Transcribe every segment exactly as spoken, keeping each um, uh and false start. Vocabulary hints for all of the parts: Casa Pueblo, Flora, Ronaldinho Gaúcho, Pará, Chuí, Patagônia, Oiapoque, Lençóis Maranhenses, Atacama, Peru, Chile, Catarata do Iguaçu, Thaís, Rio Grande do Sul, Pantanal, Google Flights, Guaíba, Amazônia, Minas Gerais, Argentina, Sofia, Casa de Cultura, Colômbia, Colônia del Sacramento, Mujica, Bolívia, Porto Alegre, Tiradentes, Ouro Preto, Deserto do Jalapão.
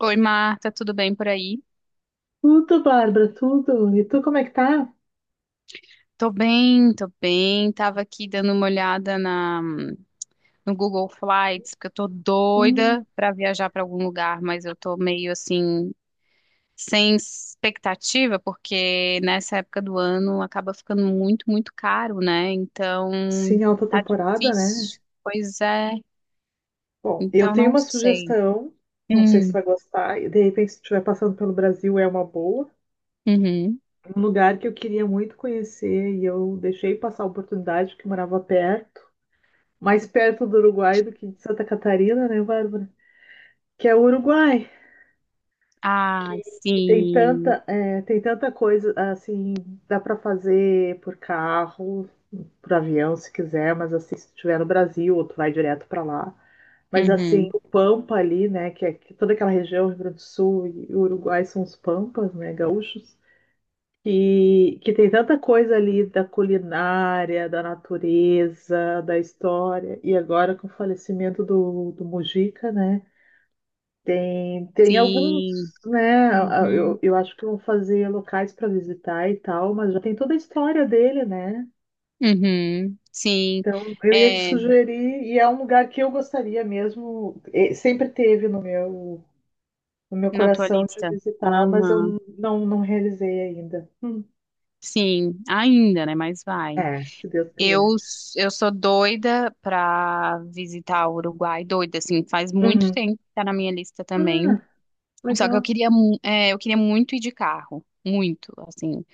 Oi, Marta, tudo bem por aí? Tudo, Bárbara, tudo. E tu, como é que tá? Tô bem, tô bem. Tava aqui dando uma olhada na, no Google Flights, porque eu tô Hum, doida pra viajar pra algum lugar, mas eu tô meio assim, sem expectativa, porque nessa época do ano acaba ficando muito, muito caro, né? Então, sim, alta tá temporada, né? difícil. Pois é. Bom, eu Então, tenho não uma sei. sugestão, não sei se tu Hum, vai gostar, e de repente se tu estiver passando pelo Brasil é uma boa. uhum. Um lugar que eu queria muito conhecer e eu deixei passar a oportunidade porque eu morava perto, mais perto do Uruguai do que de Santa Catarina, né, Bárbara? Que é o Uruguai, Ai, que tem sim. tanta, é, tem tanta coisa, assim, dá para fazer por carro, pro avião se quiser, mas assim, se estiver no Brasil, ou tu vai direto para lá. Mas assim, Uhum. o Pampa ali, né, que é que toda aquela região, Rio Grande do Sul e Uruguai são os Pampas, né, gaúchos, que, que tem tanta coisa ali da culinária, da natureza, da história. E agora com o falecimento do, do Mujica, né, tem, tem alguns, Sim. né, eu, Uhum. eu acho que vão fazer locais para visitar e tal, mas já tem toda a história dele, né. Uhum, sim, Então, eu ia te é, sugerir, e é um lugar que eu gostaria mesmo, e sempre teve no meu, no meu na tua coração de lista. visitar, mas eu Aham, não, não realizei ainda. Hum, sim, ainda, né? Mas vai. é, se Deus quiser. Eu, s- eu sou doida pra visitar o Uruguai, doida, assim, faz muito Uhum. tempo que tá na minha lista também. Ah, Só que eu legal. queria, mu- é, eu queria muito ir de carro, muito, assim.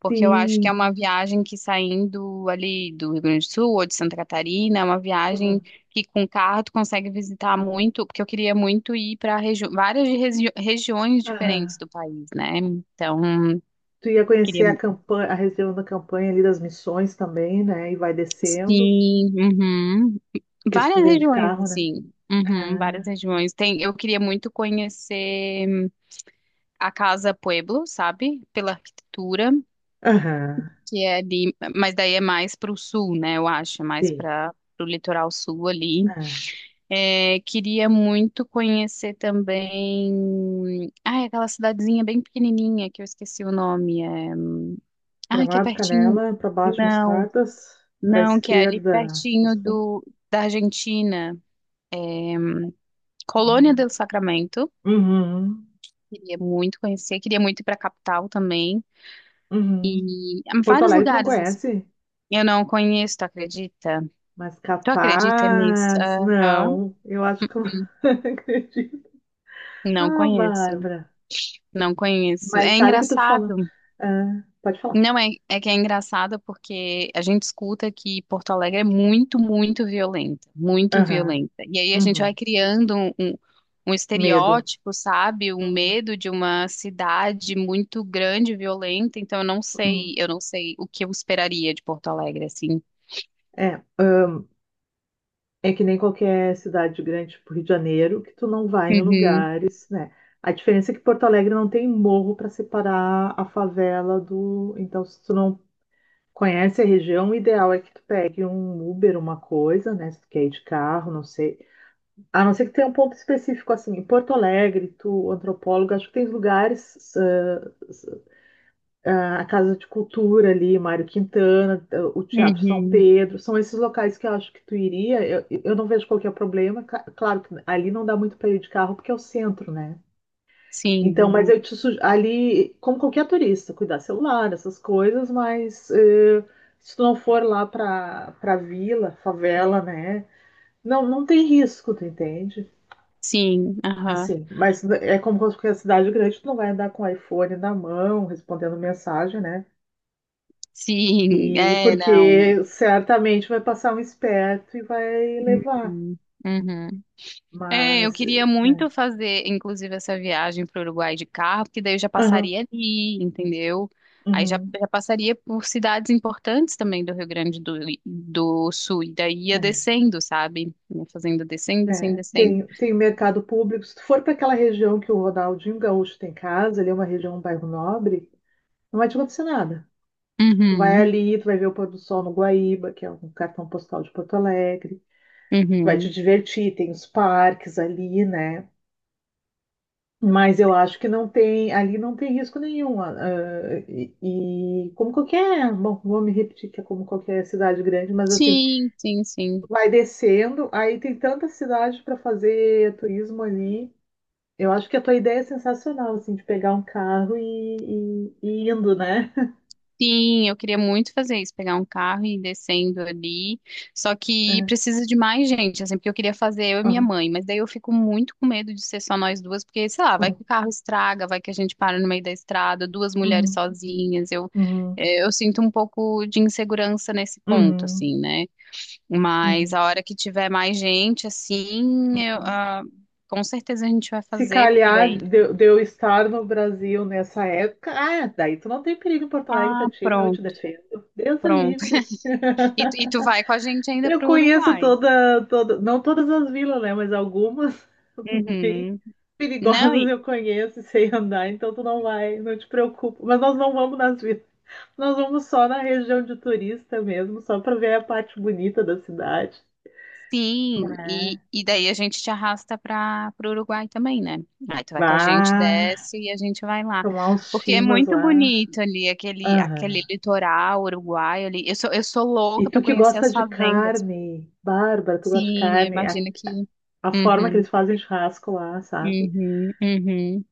Porque eu acho que é Sim. uma viagem que saindo ali do Rio Grande do Sul ou de Santa Catarina, é uma viagem Uhum. que com carro tu consegue visitar muito, porque eu queria muito ir para várias regi- regiões diferentes Ah, do país, né? Então, tu ia queria conhecer a mu- campanha, a região da campanha ali das Missões também, né? E vai descendo, sim, uhum. porque se tu Várias vem de regiões carro, né? assim. Uhum, várias Ah, regiões. Tem, eu queria muito conhecer a Casa Pueblo, sabe? Pela arquitetura. aham, Que é ali, mas daí é mais para o sul, né? Eu acho, é mais sim. para o litoral sul ali. Ah. É, queria muito conhecer também. Ah, aquela cidadezinha bem pequenininha que eu esqueci o nome. É... ah, que é Gramado, pertinho. Canela, para baixo, Não, Mostardas, para não, que é ali esquerda. pertinho Passou? do da Argentina. Colônia Hum. del Sacramento. Uhum, Queria muito conhecer. Queria muito ir para a capital também. uhum. E ah, Porto vários Alegre tu não lugares assim. conhece? Eu não conheço, tu acredita? Mas Tu acredita nisso? capaz, Aham. não. Eu acho que eu não acredito. Não Ah, conheço. Bárbara. Não conheço. Mas É sabe que tu fala. engraçado. Ah, pode falar. Não é, é que é engraçado porque a gente escuta que Porto Alegre é muito, muito violenta, muito Aham, violenta. E aí a gente vai uhum. criando um, um, um Medo. estereótipo, sabe? Um Uhum, medo de uma cidade muito grande, e violenta. Então eu não uhum. sei, eu não sei o que eu esperaria de Porto Alegre, assim. É, ah, é que nem qualquer cidade grande, tipo Rio de Janeiro, que tu não vai em Uhum, lugares, né? A diferença é que Porto Alegre não tem morro para separar a favela do. Então, se tu não conhece a região, o ideal é que tu pegue um Uber, uma coisa, né? Se tu quer ir de carro, não sei. A não ser que tenha um ponto específico, assim, em Porto Alegre, tu, antropólogo, acho que tem lugares, ah, ah, a Casa de Cultura ali, Mário Quintana, ah, o Teatro São uhum. Pedro, são esses locais que eu acho que tu iria. Eu, eu não vejo qualquer problema. Ca- Claro que ali não dá muito para ir de carro, porque é o centro, né? Sim, Então, mas aham. eu te sugiro, ali, como qualquer turista, cuidar celular, essas coisas, mas eh, se tu não for lá para para vila, favela, né? Não, não tem risco, tu entende? Sim, aham. Assim, mas é como qualquer cidade grande, tu não vai andar com o iPhone na mão, respondendo mensagem, né? Sim, E é, não. porque certamente vai passar um esperto e vai levar. Uhum. Uhum. É, eu Mas, queria é. muito fazer, inclusive, essa viagem para o Uruguai de carro, porque daí eu já Aham, passaria ali, entendeu? Aí já, uhum, já passaria por cidades importantes também do Rio Grande do, do Sul, e daí ia é. descendo, sabe? Ia fazendo descendo, descendo, É, descendo. tem, tem o mercado público. Se tu for para aquela região que o Ronaldinho Gaúcho tem casa, ali é uma região, um bairro nobre, não vai te acontecer nada. Tipo, tu vai Uhum. ali, tu vai ver o pôr do sol no Guaíba, que é um cartão postal de Porto Alegre, vai te Uhum. divertir, tem os parques ali, né? Mas eu acho que não tem, ali não tem risco nenhum. Ah, ah, e, e como qualquer, bom, vou me repetir que é como qualquer cidade grande, mas assim, Sim, sim, sim. vai descendo, aí tem tanta cidade para fazer turismo ali. Eu acho que a tua ideia é sensacional, assim, de pegar um carro e, e, e indo, né? Sim, eu queria muito fazer isso, pegar um carro e ir descendo ali. Só que É. precisa de mais gente, assim, porque eu queria fazer eu e minha Aham, mãe, mas daí eu fico muito com medo de ser só nós duas, porque, sei lá, vai aham. que o carro estraga, vai que a gente para no meio da estrada, duas mulheres Uhum, sozinhas. Eu, uhum, eh, Eu sinto um pouco de insegurança nesse ponto, uhum, assim, né? Mas uhum, a hora que tiver mais gente, assim, eu, uhum. ah, com certeza a gente vai Se fazer, porque calhar daí. de, de eu estar no Brasil nessa época, ah, daí tu não tem perigo em Porto Alegre Ah, pra ti, não, eu te pronto, defendo. Deus o pronto. livre. E, tu- e tu vai com a gente ainda Eu pro conheço Uruguai. toda, toda, não todas as vilas, né, mas algumas bem Uhum. Não, perigosas e, eu conheço e sei andar, então tu não vai, não te preocupa. Mas nós não vamos nas vilas. Nós vamos só na região de turista mesmo, só pra ver a parte bonita da cidade. sim, e, É. e daí a gente te arrasta para o Uruguai também, né? Aí tu vai com a gente, Bah, desce e a gente vai lá. tomar uns Porque é chimas muito lá. bonito ali, aquele, aquele Aham. litoral uruguaio ali. Eu sou, eu sou E louca para tu que conhecer gosta as de fazendas. carne, Bárbara, tu gosta de Sim, eu carne, a, imagino que. a forma que Uhum, eles fazem churrasco lá, sabe? uhum, uhum.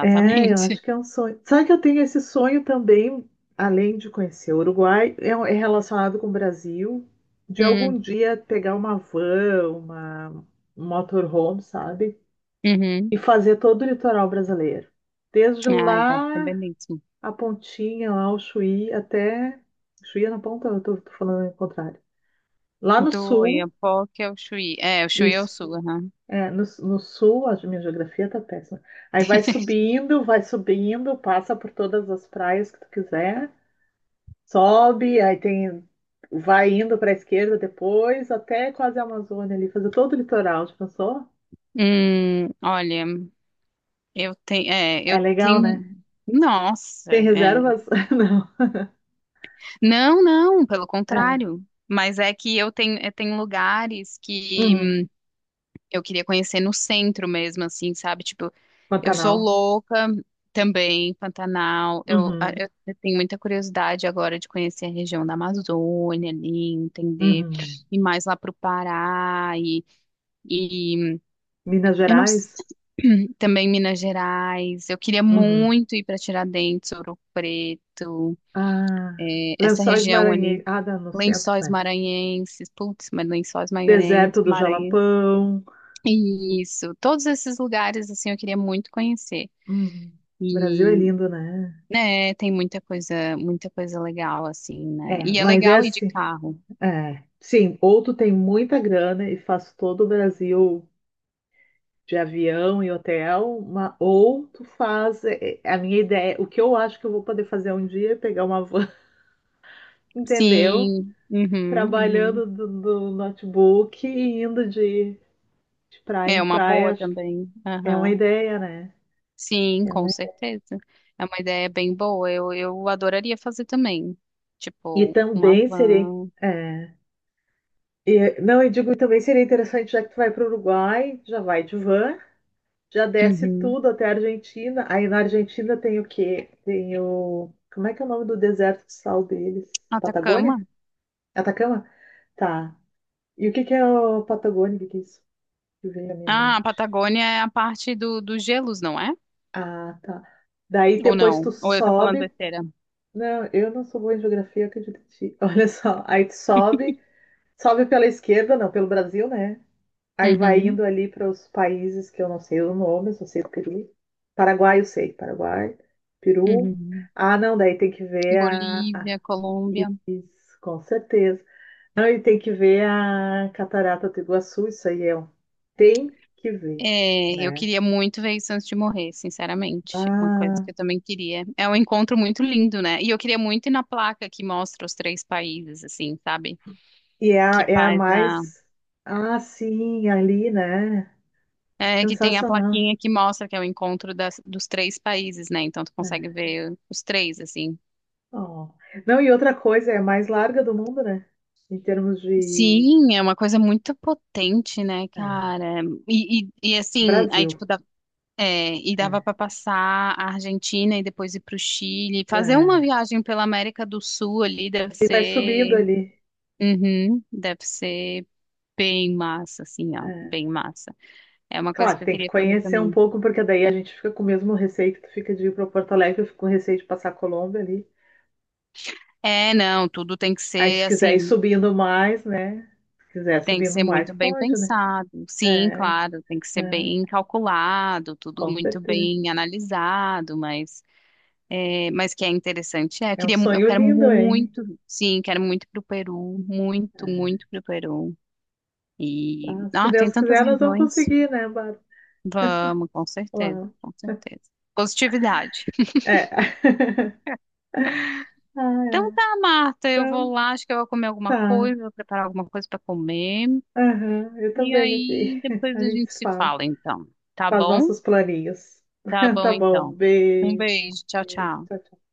É, eu acho que é um sonho. Sabe que eu tenho esse sonho também, além de conhecer o Uruguai, é, é relacionado com o Brasil, de algum Hum, dia pegar uma van, uma um motorhome, sabe? uhum. E fazer todo o litoral brasileiro. Desde Ai, deve ser lá, belíssimo. a pontinha, lá o Chuí, até. Chuí é na ponta, eu tô, tô falando o contrário. Lá no Do sul, Oiapoque ao Chuí. É, o Chuí é o isso. sul, aham. É, no, no sul, a minha geografia tá péssima. Aí vai subindo, vai subindo, passa por todas as praias que tu quiser, sobe, aí tem. Vai indo para a esquerda depois, até quase a Amazônia ali, fazer todo o litoral, já pensou? Hum, olha. Eu tenho, é, É eu legal, né? tenho, nossa, Tem é. reservas? Não. Não, não, pelo É. contrário. Mas é que eu tenho, eu tenho lugares Uhum. que eu queria conhecer no centro mesmo, assim, sabe? Tipo, eu sou Pantanal. louca também, Pantanal. Eu, a- Uhum, eu eu tenho muita curiosidade agora de conhecer a região da Amazônia ali, entender, uhum. e mais lá pro Pará e, e Minas eu não s- Gerais? também Minas Gerais. Eu queria Uhum. muito ir para Tiradentes, Ouro Preto. Ah, Essa Lençóis região Maranhenses. ali, Ah, dá no centro, Lençóis né? Maranhenses, putz, mas Lençóis Deserto Maranhenses, do Maranhenses. Jalapão. Isso, todos esses lugares assim eu queria muito conhecer. Uhum. O Brasil é E lindo, né? né, tem muita coisa, muita coisa legal assim, né? É, E é mas é legal ir de assim. carro. É. Sim, ou tu tem muita grana e faz todo o Brasil de avião e hotel, ma- ou tu faz, é, é, a minha ideia, o que eu acho que eu vou poder fazer um dia é pegar uma van, entendeu? Sim, uhum, uhum. Trabalhando do, do notebook e indo de de praia É em uma praia, boa acho que também. é uma Aham. ideia, né? Sim, É com uma- certeza. É uma ideia bem boa. Eu, eu adoraria fazer também. E Tipo, uma também seria. van. é, e não, eu digo, também seria interessante, já que tu vai para o Uruguai, já vai de van, já desce Uhum. tudo até a Argentina. Aí na Argentina tem o quê? Tem o. Como é que é o nome do deserto de sal deles? Atacama? Patagônia? Atacama? Tá. E o que que é o Patagônia? O que que é isso? Que veio à minha Ah, a mente. Patagônia é a parte do, dos gelos, não é? Ah, tá. Daí Ou depois não? tu Ou eu tô falando sobe. besteira? Não, eu não sou boa em geografia, acredito em ti. Olha só, aí tu sobe. Sobe pela esquerda, não, pelo Brasil, né? Aí vai Uhum, indo ali para os países que eu não sei o nome, só sei do Peru. Paraguai, eu sei. Paraguai, Peru. uhum. Ah, não, daí tem que ver a, a- Bolívia, Colômbia. isso, com certeza. Não, e tem que ver a Catarata do Iguaçu, isso aí é um. Tem que ver, É, eu né? queria muito ver isso antes de morrer, sinceramente. É uma coisa Ah, que eu também queria. É um encontro muito lindo, né? E eu queria muito ir na placa que mostra os três países, assim, sabe? e é a, Que é a faz a. mais. Ah, sim, ali, né? É, que tem a Sensacional. plaquinha que mostra que é o encontro das, dos três países, né? Então tu É. consegue ver os três, assim. Ó. Não, e outra coisa, é a mais larga do mundo, né? Em termos de, Sim, é uma coisa muito potente, né, é, cara? E, e, e, assim, aí Brasil. tipo, dá, é, e dava É, para passar a Argentina e depois ir pro Chile. Fazer uma é. viagem pela América do Sul ali deve E vai subindo ser, ali. uhum, deve ser bem massa, assim, ó, É. bem massa. É uma coisa Claro, que eu tem que queria fazer conhecer um também. pouco, porque daí a gente fica com o mesmo receio que tu fica de ir para Porto Alegre, eu fico com receio de passar a Colômbia ali. É, não, tudo tem que Aí se ser quiser ir assim, subindo mais, né? Se quiser tem que subindo ser mais, muito bem pode, né? pensado. Sim, É, claro, tem que ser é, bem calculado, tudo com muito certeza. bem analisado, mas é, mas que é interessante. É, eu É um queria, mu- eu sonho quero lindo, hein? muito, sim, quero muito pro Peru, muito, É. muito pro Peru. E, Ah, se ah, tem Deus tantas quiser, nós vamos regiões. conseguir, né, Bárbara? Vamos, com certeza, Lá. com certeza. Positividade. É. Ah, Então tá, é. Marta, eu vou Então, lá, acho que eu vou comer alguma tá. coisa, vou preparar alguma coisa para comer. Aham, eu E também aqui. aí depois A a gente gente se se fala. fala, então. Tá Faz bom? nossos planinhos. Tá bom, Tá bom, então. Um beijo. beijo, tchau, Beijo, tchau. tchau, tchau.